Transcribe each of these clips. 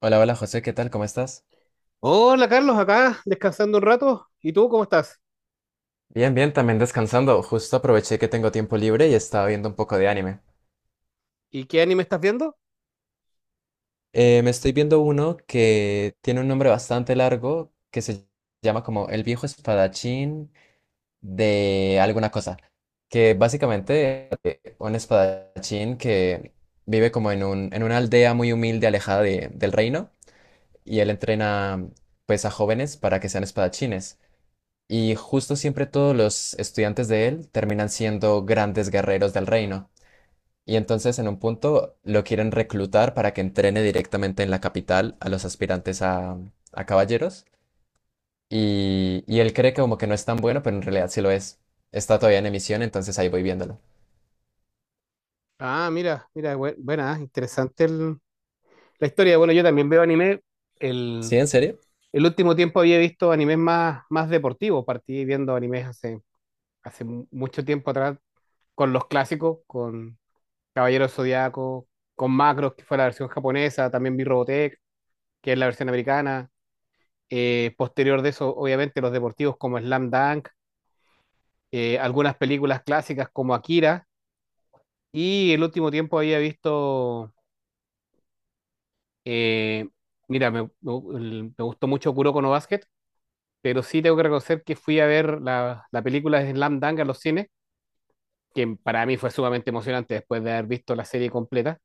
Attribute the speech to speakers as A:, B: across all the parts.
A: Hola, hola José, ¿qué tal? ¿Cómo estás?
B: Hola Carlos, acá descansando un rato. ¿Y tú cómo estás?
A: Bien, bien, también descansando. Justo aproveché que tengo tiempo libre y estaba viendo un poco de anime.
B: ¿Y qué anime estás viendo?
A: Me estoy viendo uno que tiene un nombre bastante largo que se llama como El viejo espadachín de alguna cosa, que básicamente un espadachín que vive como en en una aldea muy humilde alejada del reino y él entrena pues a jóvenes para que sean espadachines. Y justo siempre todos los estudiantes de él terminan siendo grandes guerreros del reino. Y entonces en un punto lo quieren reclutar para que entrene directamente en la capital a los aspirantes a caballeros. Y él cree que como que no es tan bueno, pero en realidad sí lo es. Está todavía en emisión, entonces ahí voy viéndolo.
B: Ah, mira, mira, buena, interesante la historia. Bueno, yo también veo anime.
A: ¿Sí,
B: El,
A: en serio?
B: el último tiempo había visto animes más deportivos. Partí viendo animes hace mucho tiempo atrás con los clásicos, con Caballero Zodiaco, con Macros, que fue la versión japonesa. También vi Robotech, que es la versión americana. Posterior de eso, obviamente, los deportivos como Slam Dunk, algunas películas clásicas como Akira. Y el último tiempo había visto, eh, mira, me- el- me gustó mucho Kuroko no Basket, pero sí tengo que reconocer que fui a ver la película de Slam Dunk en los cines, que para mí fue sumamente emocionante después de haber visto la serie completa,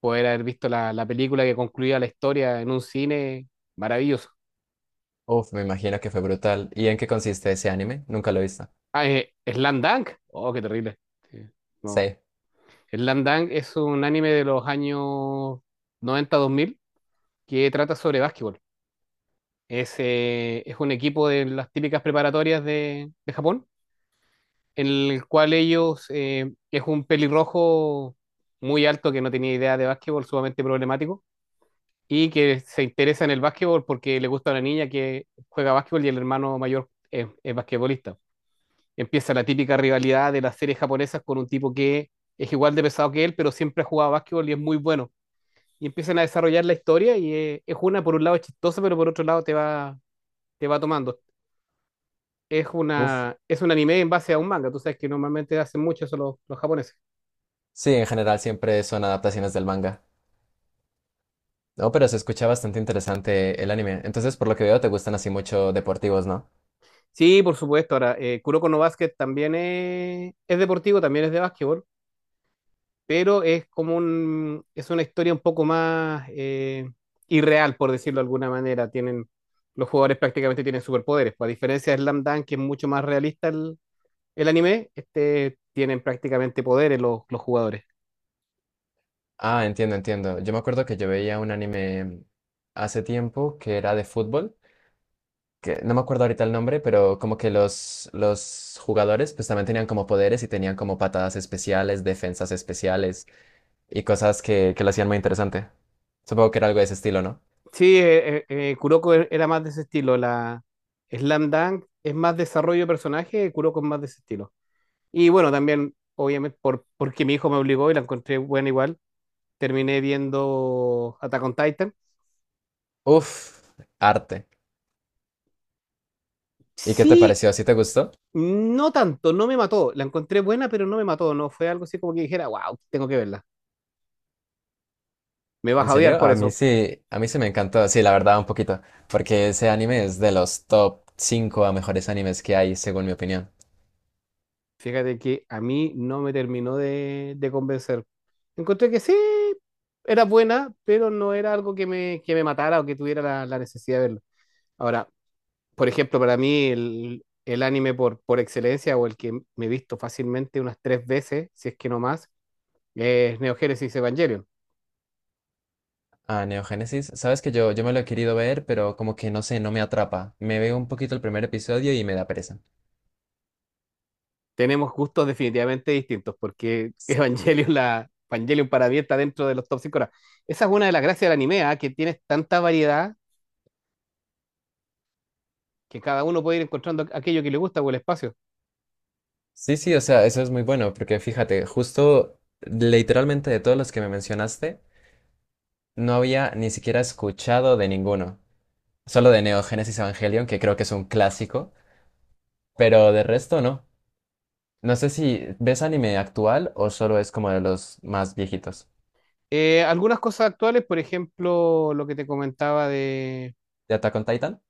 B: poder haber visto la película que concluía la historia en un cine maravilloso.
A: Uf, me imagino que fue brutal. ¿Y en qué consiste ese anime? Nunca lo he visto.
B: Slam Dunk, oh, qué terrible. Sí. No.
A: Sí.
B: Slam Dunk es un anime de los años noventa dos mil que trata sobre básquetbol. Es un equipo de las típicas preparatorias de Japón, en el cual ellos, es un pelirrojo muy alto que no tenía idea de básquetbol, sumamente problemático, y que se interesa en el básquetbol porque le gusta a una niña que juega básquetbol y el hermano mayor es basquetbolista. Empieza la típica rivalidad de las series japonesas con un tipo que es igual de pesado que él, pero siempre ha jugado básquetbol y es muy bueno. Y empiezan a desarrollar la historia y es una, por un lado, es chistosa, pero por otro lado te va tomando.
A: Uf.
B: Es un anime en base a un manga. Tú sabes que normalmente hacen mucho eso los japoneses.
A: Sí, en general siempre son adaptaciones del manga. No, pero se escucha bastante interesante el anime. Entonces, por lo que veo, te gustan así mucho deportivos, ¿no?
B: Sí, por supuesto. Ahora, Kuroko no Basket también es deportivo, también es de básquetbol, pero es como es una historia un poco más irreal, por decirlo de alguna manera. Tienen, los jugadores prácticamente tienen superpoderes. Pues, a diferencia de Slam Dunk, que es mucho más realista el anime, este tienen prácticamente poderes los jugadores.
A: Ah, entiendo, entiendo. Yo me acuerdo que yo veía un anime hace tiempo que era de fútbol, que no me acuerdo ahorita el nombre, pero como que los jugadores pues también tenían como poderes y tenían como patadas especiales, defensas especiales y cosas que lo hacían muy interesante. Supongo que era algo de ese estilo, ¿no?
B: Sí, Kuroko era más de ese estilo. La Slam Dunk es más desarrollo de personaje, Kuroko es más de ese estilo. Y bueno, también, obviamente, porque mi hijo me obligó y la encontré buena igual, terminé viendo Attack on Titan.
A: Uf, arte. ¿Y qué te
B: Sí,
A: pareció? ¿Sí te gustó?
B: no tanto, no me mató. La encontré buena, pero no me mató. No fue algo así como que dijera, wow, tengo que verla. Me vas
A: ¿En
B: a odiar
A: serio?
B: por eso.
A: A mí sí me encantó, sí, la verdad, un poquito, porque ese anime es de los top 5 a mejores animes que hay, según mi opinión.
B: Fíjate que a mí no me terminó de convencer. Encontré que sí, era buena, pero no era algo que que me matara o que tuviera la necesidad de verlo. Ahora, por ejemplo, para mí el anime por excelencia o el que me he visto fácilmente unas tres veces, si es que no más, es Neo Genesis Evangelion.
A: Ah, Neogénesis, sabes que yo me lo he querido ver, pero como que no sé, no me atrapa. Me veo un poquito el primer episodio y me da pereza.
B: Tenemos gustos definitivamente distintos porque Evangelion para mí está dentro de los top 5. Esa es una de las gracias del anime, ¿ah? Que tienes tanta variedad que cada uno puede ir encontrando aquello que le gusta o el espacio.
A: Sí, sí, o sea, eso es muy bueno, porque fíjate, justo literalmente de todos los que me mencionaste, no había ni siquiera escuchado de ninguno. Solo de Neogénesis Evangelion, que creo que es un clásico, pero de resto no. No sé si ves anime actual o solo es como de los más viejitos.
B: Algunas cosas actuales, por ejemplo, lo que te comentaba de...
A: ¿De Attack on Titan?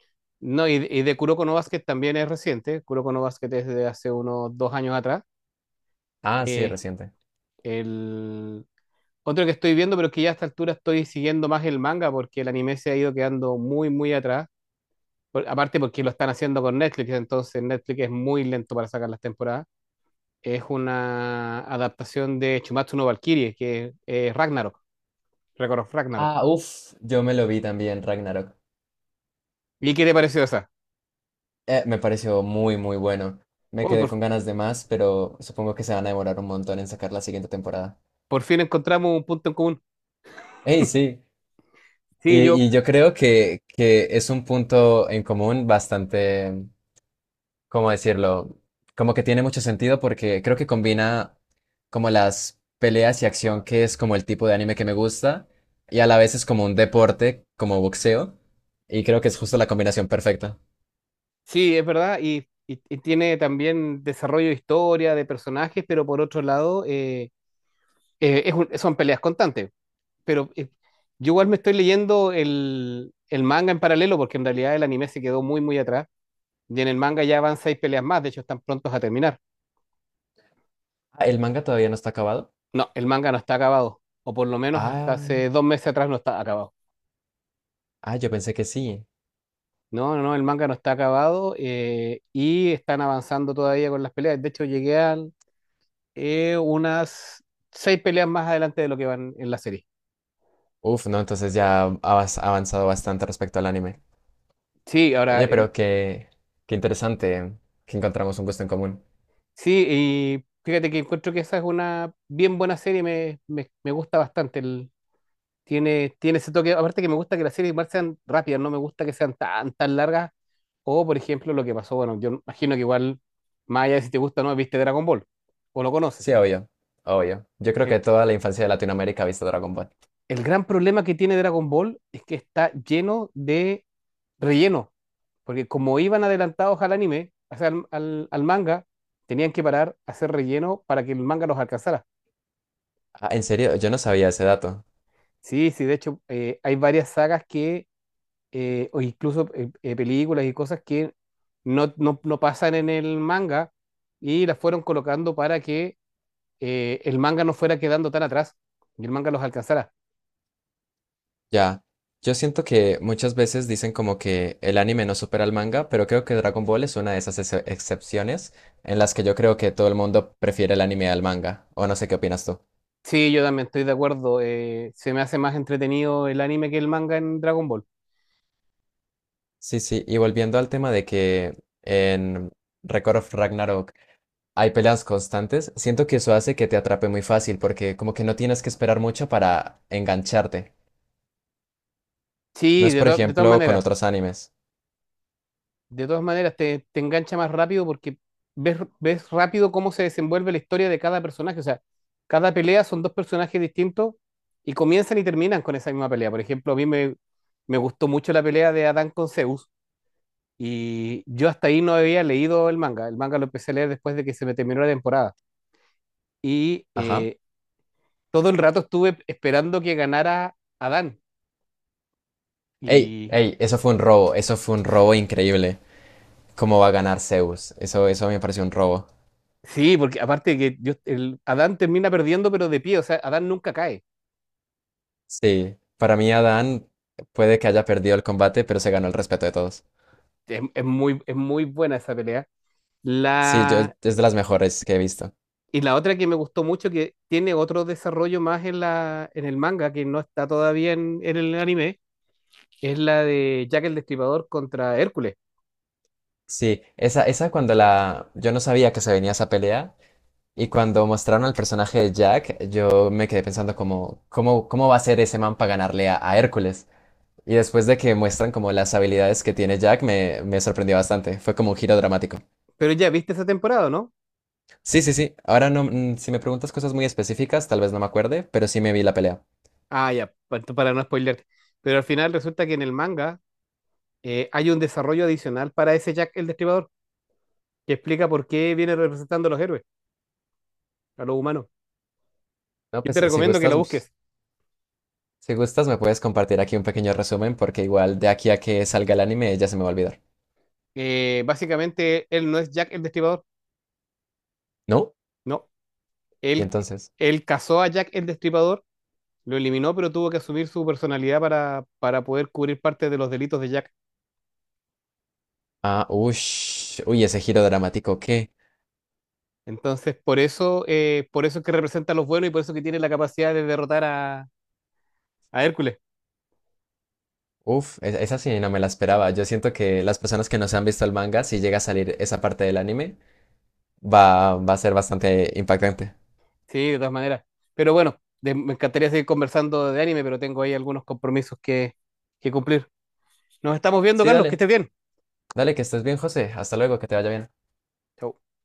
B: No, y de Kuroko no Basket también es reciente. Kuroko no Basket es de hace unos 2 años atrás.
A: Ah, sí,
B: Eh,
A: reciente.
B: el... Otro que estoy viendo, pero que ya a esta altura estoy siguiendo más el manga porque el anime se ha ido quedando muy atrás. Aparte porque lo están haciendo con Netflix, entonces Netflix es muy lento para sacar las temporadas. Es una adaptación de Chumatsu no Valkyrie, que es Ragnarok, Record of Ragnarok.
A: Ah, uff, yo me lo vi también, Ragnarok.
B: ¿Y qué te pareció esa?
A: Me pareció muy, muy bueno. Me
B: Oh,
A: quedé con ganas de más, pero supongo que se van a demorar un montón en sacar la siguiente temporada.
B: por fin encontramos un punto en común.
A: ¡Ey, sí!
B: Sí,
A: Y,
B: yo,
A: y yo creo que es un punto en común bastante. ¿Cómo decirlo? Como que tiene mucho sentido porque creo que combina como las peleas y acción, que es como el tipo de anime que me gusta, y a la vez es como un deporte, como boxeo, y creo que es justo la combinación perfecta.
B: sí, es verdad, y tiene también desarrollo de historia, de personajes, pero por otro lado, es son peleas constantes. Pero yo igual me estoy leyendo el manga en paralelo, porque en realidad el anime se quedó muy atrás, y en el manga ya van 6 peleas más, de hecho están prontos a terminar.
A: Ah, ¿el manga todavía no está acabado?
B: No, el manga no está acabado, o por lo menos hasta
A: Ah,
B: hace 2 meses atrás no está acabado.
A: ah, yo pensé que sí.
B: No, el manga no está acabado y están avanzando todavía con las peleas. De hecho, llegué a unas 6 peleas más adelante de lo que van en la serie.
A: Uf, no, entonces ya has avanzado bastante respecto al anime.
B: Sí, ahora,
A: Oye, qué interesante que encontramos un gusto en común.
B: sí, y fíjate que encuentro que esa es una bien buena serie, me gusta bastante. Tiene, tiene ese toque, aparte que me gusta que las series igual sean rápidas, no me gusta que sean tan largas. O, por ejemplo, lo que pasó, bueno, yo imagino que igual, más allá de si te gusta o no, viste Dragon Ball o lo
A: Sí,
B: conoces.
A: obvio, obvio. Yo creo
B: El-
A: que toda la infancia de Latinoamérica ha visto Dragon Ball.
B: El gran problema que tiene Dragon Ball es que está lleno de relleno, porque como iban adelantados al anime, o sea, al manga, tenían que parar, a hacer relleno para que el manga los alcanzara.
A: Ah, en serio, yo no sabía ese dato.
B: Sí, sí, de hecho, hay varias sagas que, o incluso películas y cosas que no pasan en el manga y las fueron colocando para que el manga no fuera quedando tan atrás y el manga los alcanzara.
A: Ya. Yo siento que muchas veces dicen como que el anime no supera al manga, pero creo que Dragon Ball es una de esas excepciones en las que yo creo que todo el mundo prefiere el anime al manga. O no sé qué opinas tú.
B: Sí, yo también estoy de acuerdo. Se me hace más entretenido el anime que el manga en Dragon Ball.
A: Sí, sí, y volviendo al tema de que en Record of Ragnarok hay peleas constantes, siento que eso hace que te atrape muy fácil porque como que no tienes que esperar mucho para engancharte. No
B: Sí,
A: es, por
B: de todas
A: ejemplo, con
B: maneras.
A: otros animes.
B: De todas maneras, te engancha más rápido porque ves rápido cómo se desenvuelve la historia de cada personaje. O sea, cada pelea son dos personajes distintos y comienzan y terminan con esa misma pelea. Por ejemplo, me gustó mucho la pelea de Adán con Zeus y yo hasta ahí no había leído el manga. El manga lo empecé a leer después de que se me terminó la temporada. Y
A: Ajá.
B: todo el rato estuve esperando que ganara Adán.
A: Ey,
B: Y
A: ey, eso fue un robo, eso fue un robo increíble. ¿Cómo va a ganar Zeus? Eso me pareció un robo.
B: sí, porque aparte que Adán termina perdiendo, pero de pie, o sea, Adán nunca cae.
A: Sí, para mí Adán puede que haya perdido el combate, pero se ganó el respeto de todos.
B: Es es muy buena esa pelea.
A: Sí, yo, es
B: La,
A: de las mejores que he visto.
B: y la otra que me gustó mucho, que tiene otro desarrollo más en el manga, que no está todavía en el anime, es la de Jack el Destripador contra Hércules.
A: Sí, esa cuando la... Yo no sabía que se venía esa pelea y cuando mostraron al personaje de Jack, yo me quedé pensando como, ¿cómo, cómo va a ser ese man para ganarle a Hércules? Y después de que muestran como las habilidades que tiene Jack, me sorprendió bastante. Fue como un giro dramático.
B: Pero ya viste esa temporada, ¿no?
A: Sí, sí, sí. Ahora no, si me preguntas cosas muy específicas, tal vez no me acuerde, pero sí me vi la pelea.
B: Ah, ya, para no spoilearte. Pero al final resulta que en el manga hay un desarrollo adicional para ese Jack el Destripador, que explica por qué viene representando a los héroes, a los humanos.
A: No,
B: Yo te recomiendo que la
A: pues,
B: busques.
A: si gustas me puedes compartir aquí un pequeño resumen porque igual de aquí a que salga el anime ya se me va a olvidar.
B: Básicamente, él no es Jack el Destripador.
A: ¿No?
B: No,
A: Y
B: él,
A: entonces,
B: él casó a Jack el Destripador, lo eliminó, pero tuvo que asumir su personalidad para poder cubrir parte de los delitos de Jack.
A: ah, ush, uy, ese giro dramático, ¿qué?
B: Entonces, por eso es que representa a los buenos y por eso que tiene la capacidad de derrotar a Hércules.
A: Uf, esa sí no me la esperaba. Yo siento que las personas que no se han visto el manga, si llega a salir esa parte del anime, va a ser bastante impactante.
B: Sí, de todas maneras. Pero bueno, me encantaría seguir conversando de anime, pero tengo ahí algunos compromisos que cumplir. Nos estamos viendo,
A: Sí,
B: Carlos, que
A: dale,
B: estés bien.
A: dale, que estés bien, José. Hasta luego, que te vaya bien.
B: Chau.